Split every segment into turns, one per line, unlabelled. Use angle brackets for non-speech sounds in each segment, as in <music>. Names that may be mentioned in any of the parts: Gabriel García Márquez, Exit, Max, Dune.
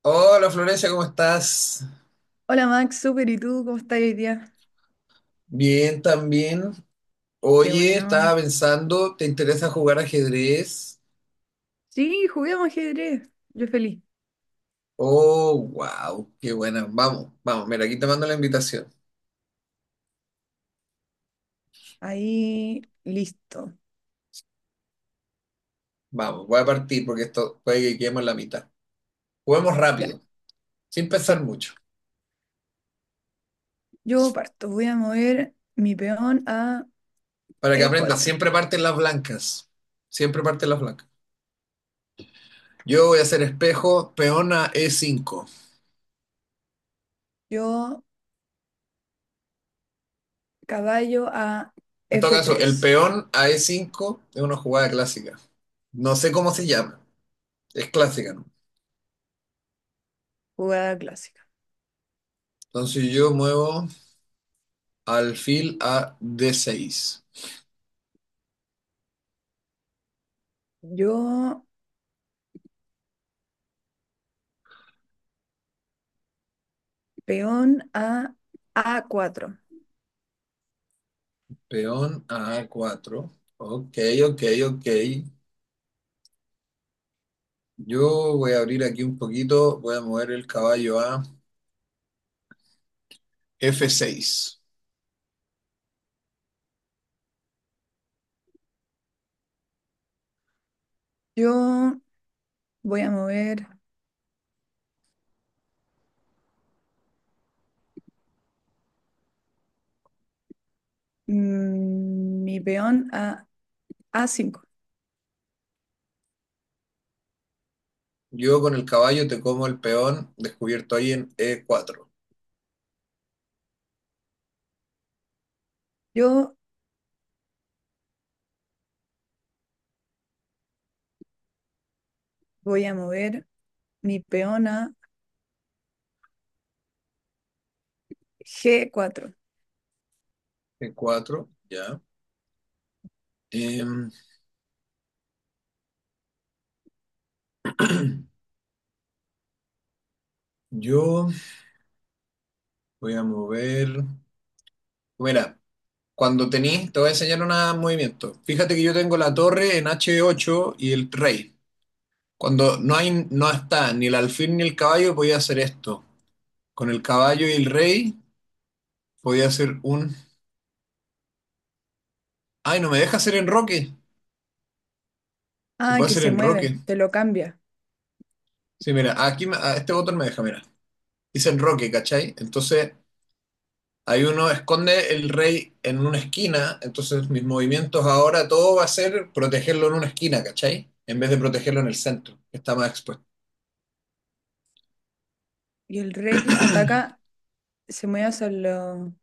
Hola Florencia, ¿cómo estás?
Hola Max, súper, ¿y tú cómo estás hoy día?
Bien, también.
Qué
Oye,
bueno.
estaba pensando, ¿te interesa jugar ajedrez?
Sí, juguemos ajedrez. Yo feliz.
Oh, wow, qué buena. Vamos, vamos, mira, aquí te mando la invitación.
Ahí, listo.
Vamos, voy a partir porque esto puede que quedemos en la mitad. Juguemos
Ya,
rápido, sin pensar
sí.
mucho,
Yo parto. Voy a mover mi peón a
para que aprendas.
E4.
Siempre parten las blancas. Siempre parten las blancas. Yo voy a hacer espejo, peón a E5.
Yo caballo a
En todo caso,
F3.
el peón a E5 es una jugada clásica. No sé cómo se llama, es clásica, ¿no?
Jugada clásica.
Entonces yo muevo alfil a D6,
Yo peón a A4.
peón a A4. Ok, ok, ok. Yo voy a abrir aquí un poquito, voy a mover el caballo a F6.
Yo voy a mover mi peón a A5.
Yo con el caballo te como el peón descubierto ahí en E4.
Yo voy a mover mi peón a G4.
E4, ya. Em, yo voy a mover. Mira, cuando tenés, te voy a enseñar un movimiento. Fíjate que yo tengo la torre en H8 y el rey. Cuando no hay, no está ni el alfil ni el caballo, podía hacer esto. Con el caballo y el rey, podía hacer un. Ay, no me deja hacer enroque. Se
Ah,
puede
que
hacer
se mueve,
enroque.
te lo cambia.
Sí, mira, aquí a este botón me deja, mira. Dice enroque, ¿cachai? Entonces, ahí uno esconde el rey en una esquina. Entonces, mis movimientos ahora, todo va a ser protegerlo en una esquina, ¿cachai? En vez de protegerlo en el centro, que está más expuesto.
Y el rey ataca, se mueve hacia lo.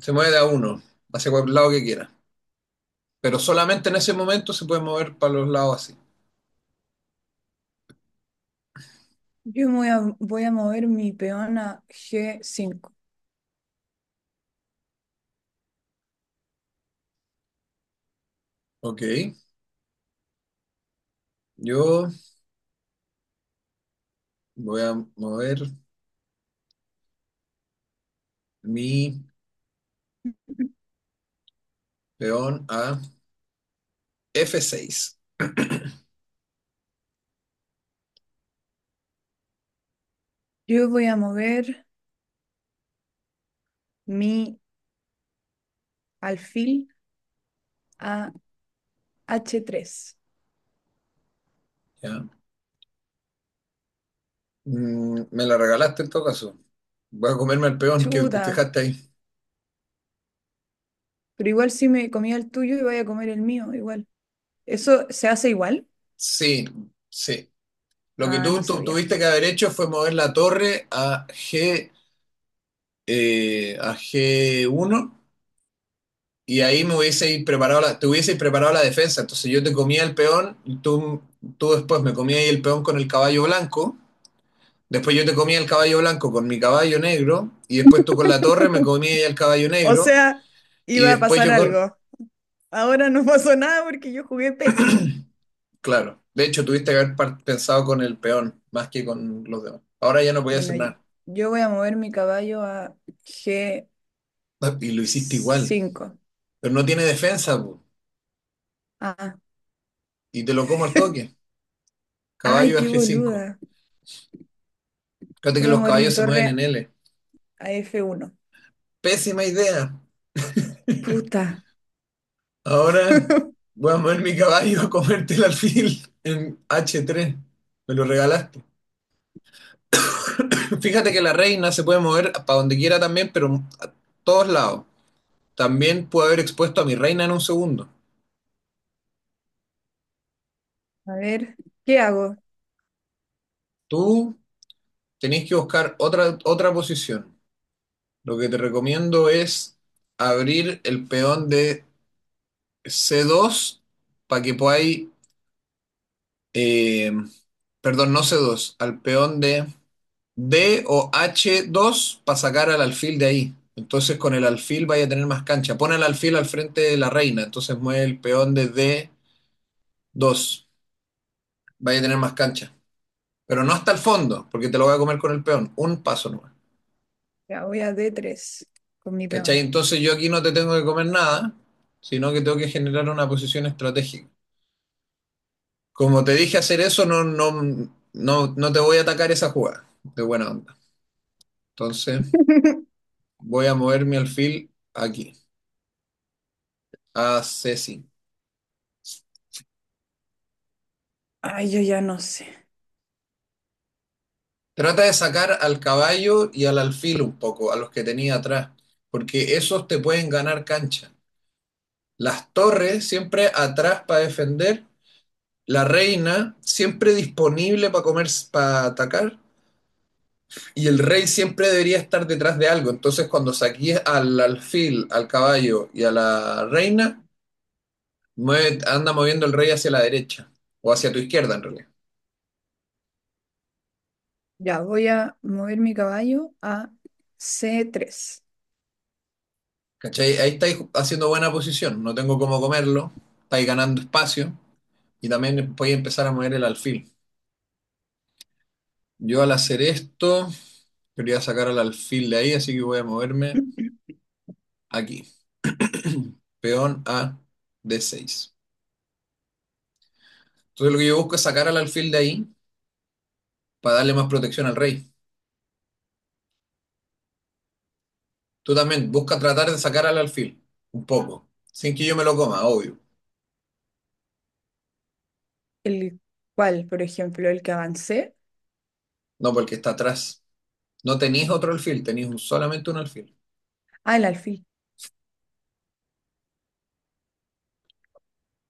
Se mueve de a uno, hacia cualquier lado que quiera. Pero solamente en ese momento se puede mover para los lados así.
Yo voy a mover mi peón a G5.
Ok. Yo voy a mover mi peón a F6. <clears throat>
Yo voy a mover mi alfil a H3.
¿Ya? Me la regalaste en todo caso. Voy a comerme al peón que
Chuta,
dejaste ahí.
pero igual si me comía el tuyo y voy a comer el mío, igual. ¿Eso se hace igual?
Sí, sí. Lo que
Ah, no
tú
sabía.
tuviste que haber hecho fue mover la torre a G, a G1 y ahí me hubieseis preparado la, te hubieseis preparado la defensa. Entonces yo te comía el peón y tú después me comías ahí el peón con el caballo blanco. Después yo te comía el caballo blanco con mi caballo negro, y después tú con la torre me comías ya el caballo
O
negro,
sea,
y
iba a
después
pasar
yo con.
algo. Ahora no <laughs> pasó nada porque yo jugué pésimo.
Claro, de hecho tuviste que haber pensado con el peón más que con los demás. Ahora ya no podía hacer
Bueno,
nada.
yo voy a mover mi caballo a g
Y lo hiciste igual,
cinco
pero no tiene defensa, po,
Ah,
y te lo como al toque.
ay,
Caballo a
qué
G5.
boluda.
Fíjate que
Voy a
los
mover mi
caballos se mueven en
torre
L.
a F1.
Pésima idea. <laughs>
Puta.
Ahora
<laughs>
voy a mover mi caballo a comerte el alfil en H3. Me lo regalaste. Fíjate que la reina se puede mover para donde quiera también, pero a todos lados. También puedo haber expuesto a mi reina en un segundo.
A ver, ¿qué hago?
Tú tenés que buscar otra posición. Lo que te recomiendo es abrir el peón de C2 para que podáis, eh, perdón, no C2, al peón de D o H2 para sacar al alfil de ahí. Entonces con el alfil vaya a tener más cancha. Pon el alfil al frente de la reina, entonces mueve el peón de D2. Vaya a tener más cancha. Pero no hasta el fondo, porque te lo voy a comer con el peón, un paso nomás.
Ya voy a D3 con mi
¿Cachai?
peón.
Entonces yo aquí no te tengo que comer nada, sino que tengo que generar una posición estratégica. Como te dije hacer eso, no, no, no, no te voy a atacar esa jugada de buena onda. Entonces
<laughs>
voy a mover mi alfil aquí, a c Ceci.
Ay, yo ya no sé.
Trata de sacar al caballo y al alfil un poco, a los que tenía atrás, porque esos te pueden ganar cancha. Las torres siempre atrás para defender, la reina siempre disponible para comer, para atacar, y el rey siempre debería estar detrás de algo. Entonces, cuando saquís al alfil, al caballo y a la reina, anda moviendo el rey hacia la derecha o hacia tu izquierda, en realidad.
Ya voy a mover mi caballo a C3.
¿Cachai? Ahí estáis haciendo buena posición, no tengo cómo comerlo, estáis ganando espacio y también podéis empezar a mover el alfil. Yo al hacer esto, quería sacar al alfil de ahí, así que voy a moverme
<clears throat>
aquí. Peón a D6. Entonces lo que yo busco es sacar al alfil de ahí para darle más protección al rey. Tú también busca tratar de sacar al alfil, un poco, sin que yo me lo coma, obvio.
El cual, por ejemplo, el que avancé.
No, porque está atrás. No tenéis otro alfil, tenéis solamente un alfil.
Ah, el alfil.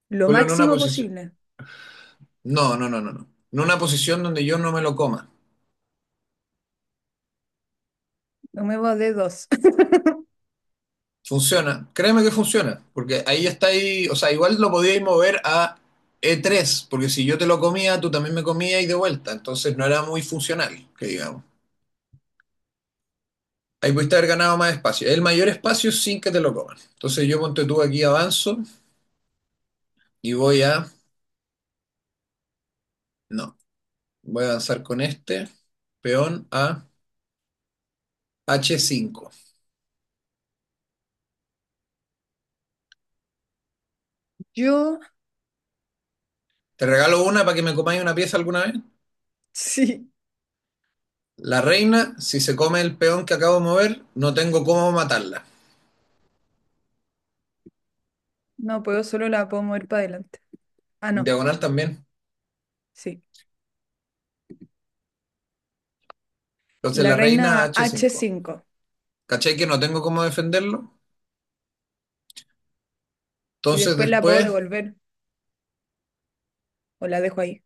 Lo
Ponlo en una
máximo
posición.
posible.
No, no, no, no, no. En una posición donde yo no me lo coma.
No me va de dos. <laughs>
Funciona. Créeme que funciona, porque ahí está ahí, o sea, igual lo podíais mover a E3, porque si yo te lo comía, tú también me comías y de vuelta. Entonces no era muy funcional, que digamos. Ahí pudiste haber ganado más espacio. El mayor espacio sin que te lo coman. Entonces yo ponte tú aquí avanzo y voy a. No, voy a avanzar con este peón a H5.
Yo,
Te regalo una para que me comáis una pieza alguna vez.
sí,
La reina, si se come el peón que acabo de mover, no tengo cómo matarla.
no puedo, solo la puedo mover para adelante. Ah,
En
no,
diagonal también.
sí.
Entonces
La
la reina a
reina h
H5.
cinco
¿Cachai que no tengo cómo defenderlo?
Y
Entonces
después la puedo
después,
devolver o la dejo ahí.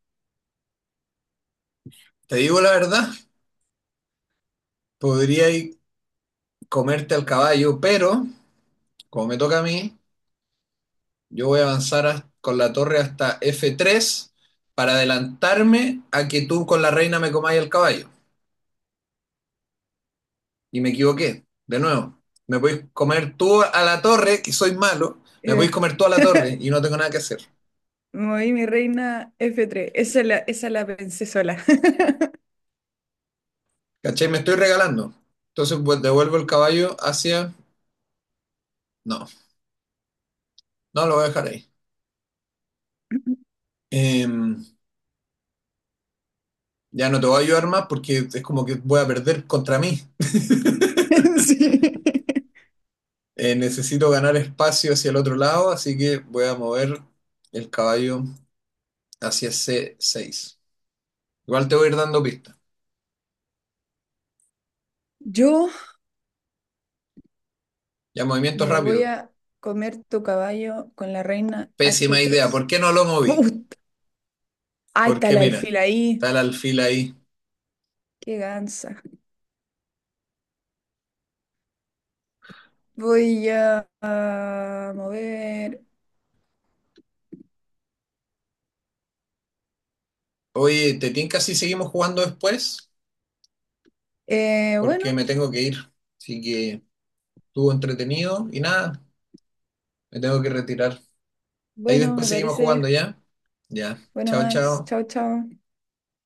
te digo la verdad, podría ir comerte al caballo, pero como me toca a mí. Yo voy a avanzar con la torre hasta F3 para adelantarme a que tú con la reina me comáis el caballo. Y me equivoqué. De nuevo, me podéis comer tú a la torre, que soy malo.
Y
Me podéis
de-
comer tú a la torre
<laughs>
y no tengo nada que hacer.
Moví mi reina F3. Esa la pensé sola. <laughs>
¿Cachai? Me estoy regalando. Entonces pues, devuelvo el caballo hacia. No, no lo voy a dejar ahí. Em, ya no te voy a ayudar más porque es como que voy a perder contra mí. <laughs>
Sí.
Necesito ganar espacio hacia el otro lado, así que voy a mover el caballo hacia C6. Igual te voy a ir dando pistas.
Yo
Ya, movimiento
me voy
rápido.
a comer tu caballo con la reina h
Pésima idea.
tres
¿Por qué no lo moví?
¡Put! Ahí está
Porque
el
mira,
alfil
está
ahí.
el alfil ahí.
Qué gansa. Voy a mover.
Oye, ¿te tinca si seguimos jugando después? Porque
Bueno,
me tengo que ir. Así que estuvo entretenido y nada, me tengo que retirar. Ahí
bueno, me
después seguimos jugando
parece.
ya. Ya.
Bueno,
Chao,
Max,
chao.
chao, chao.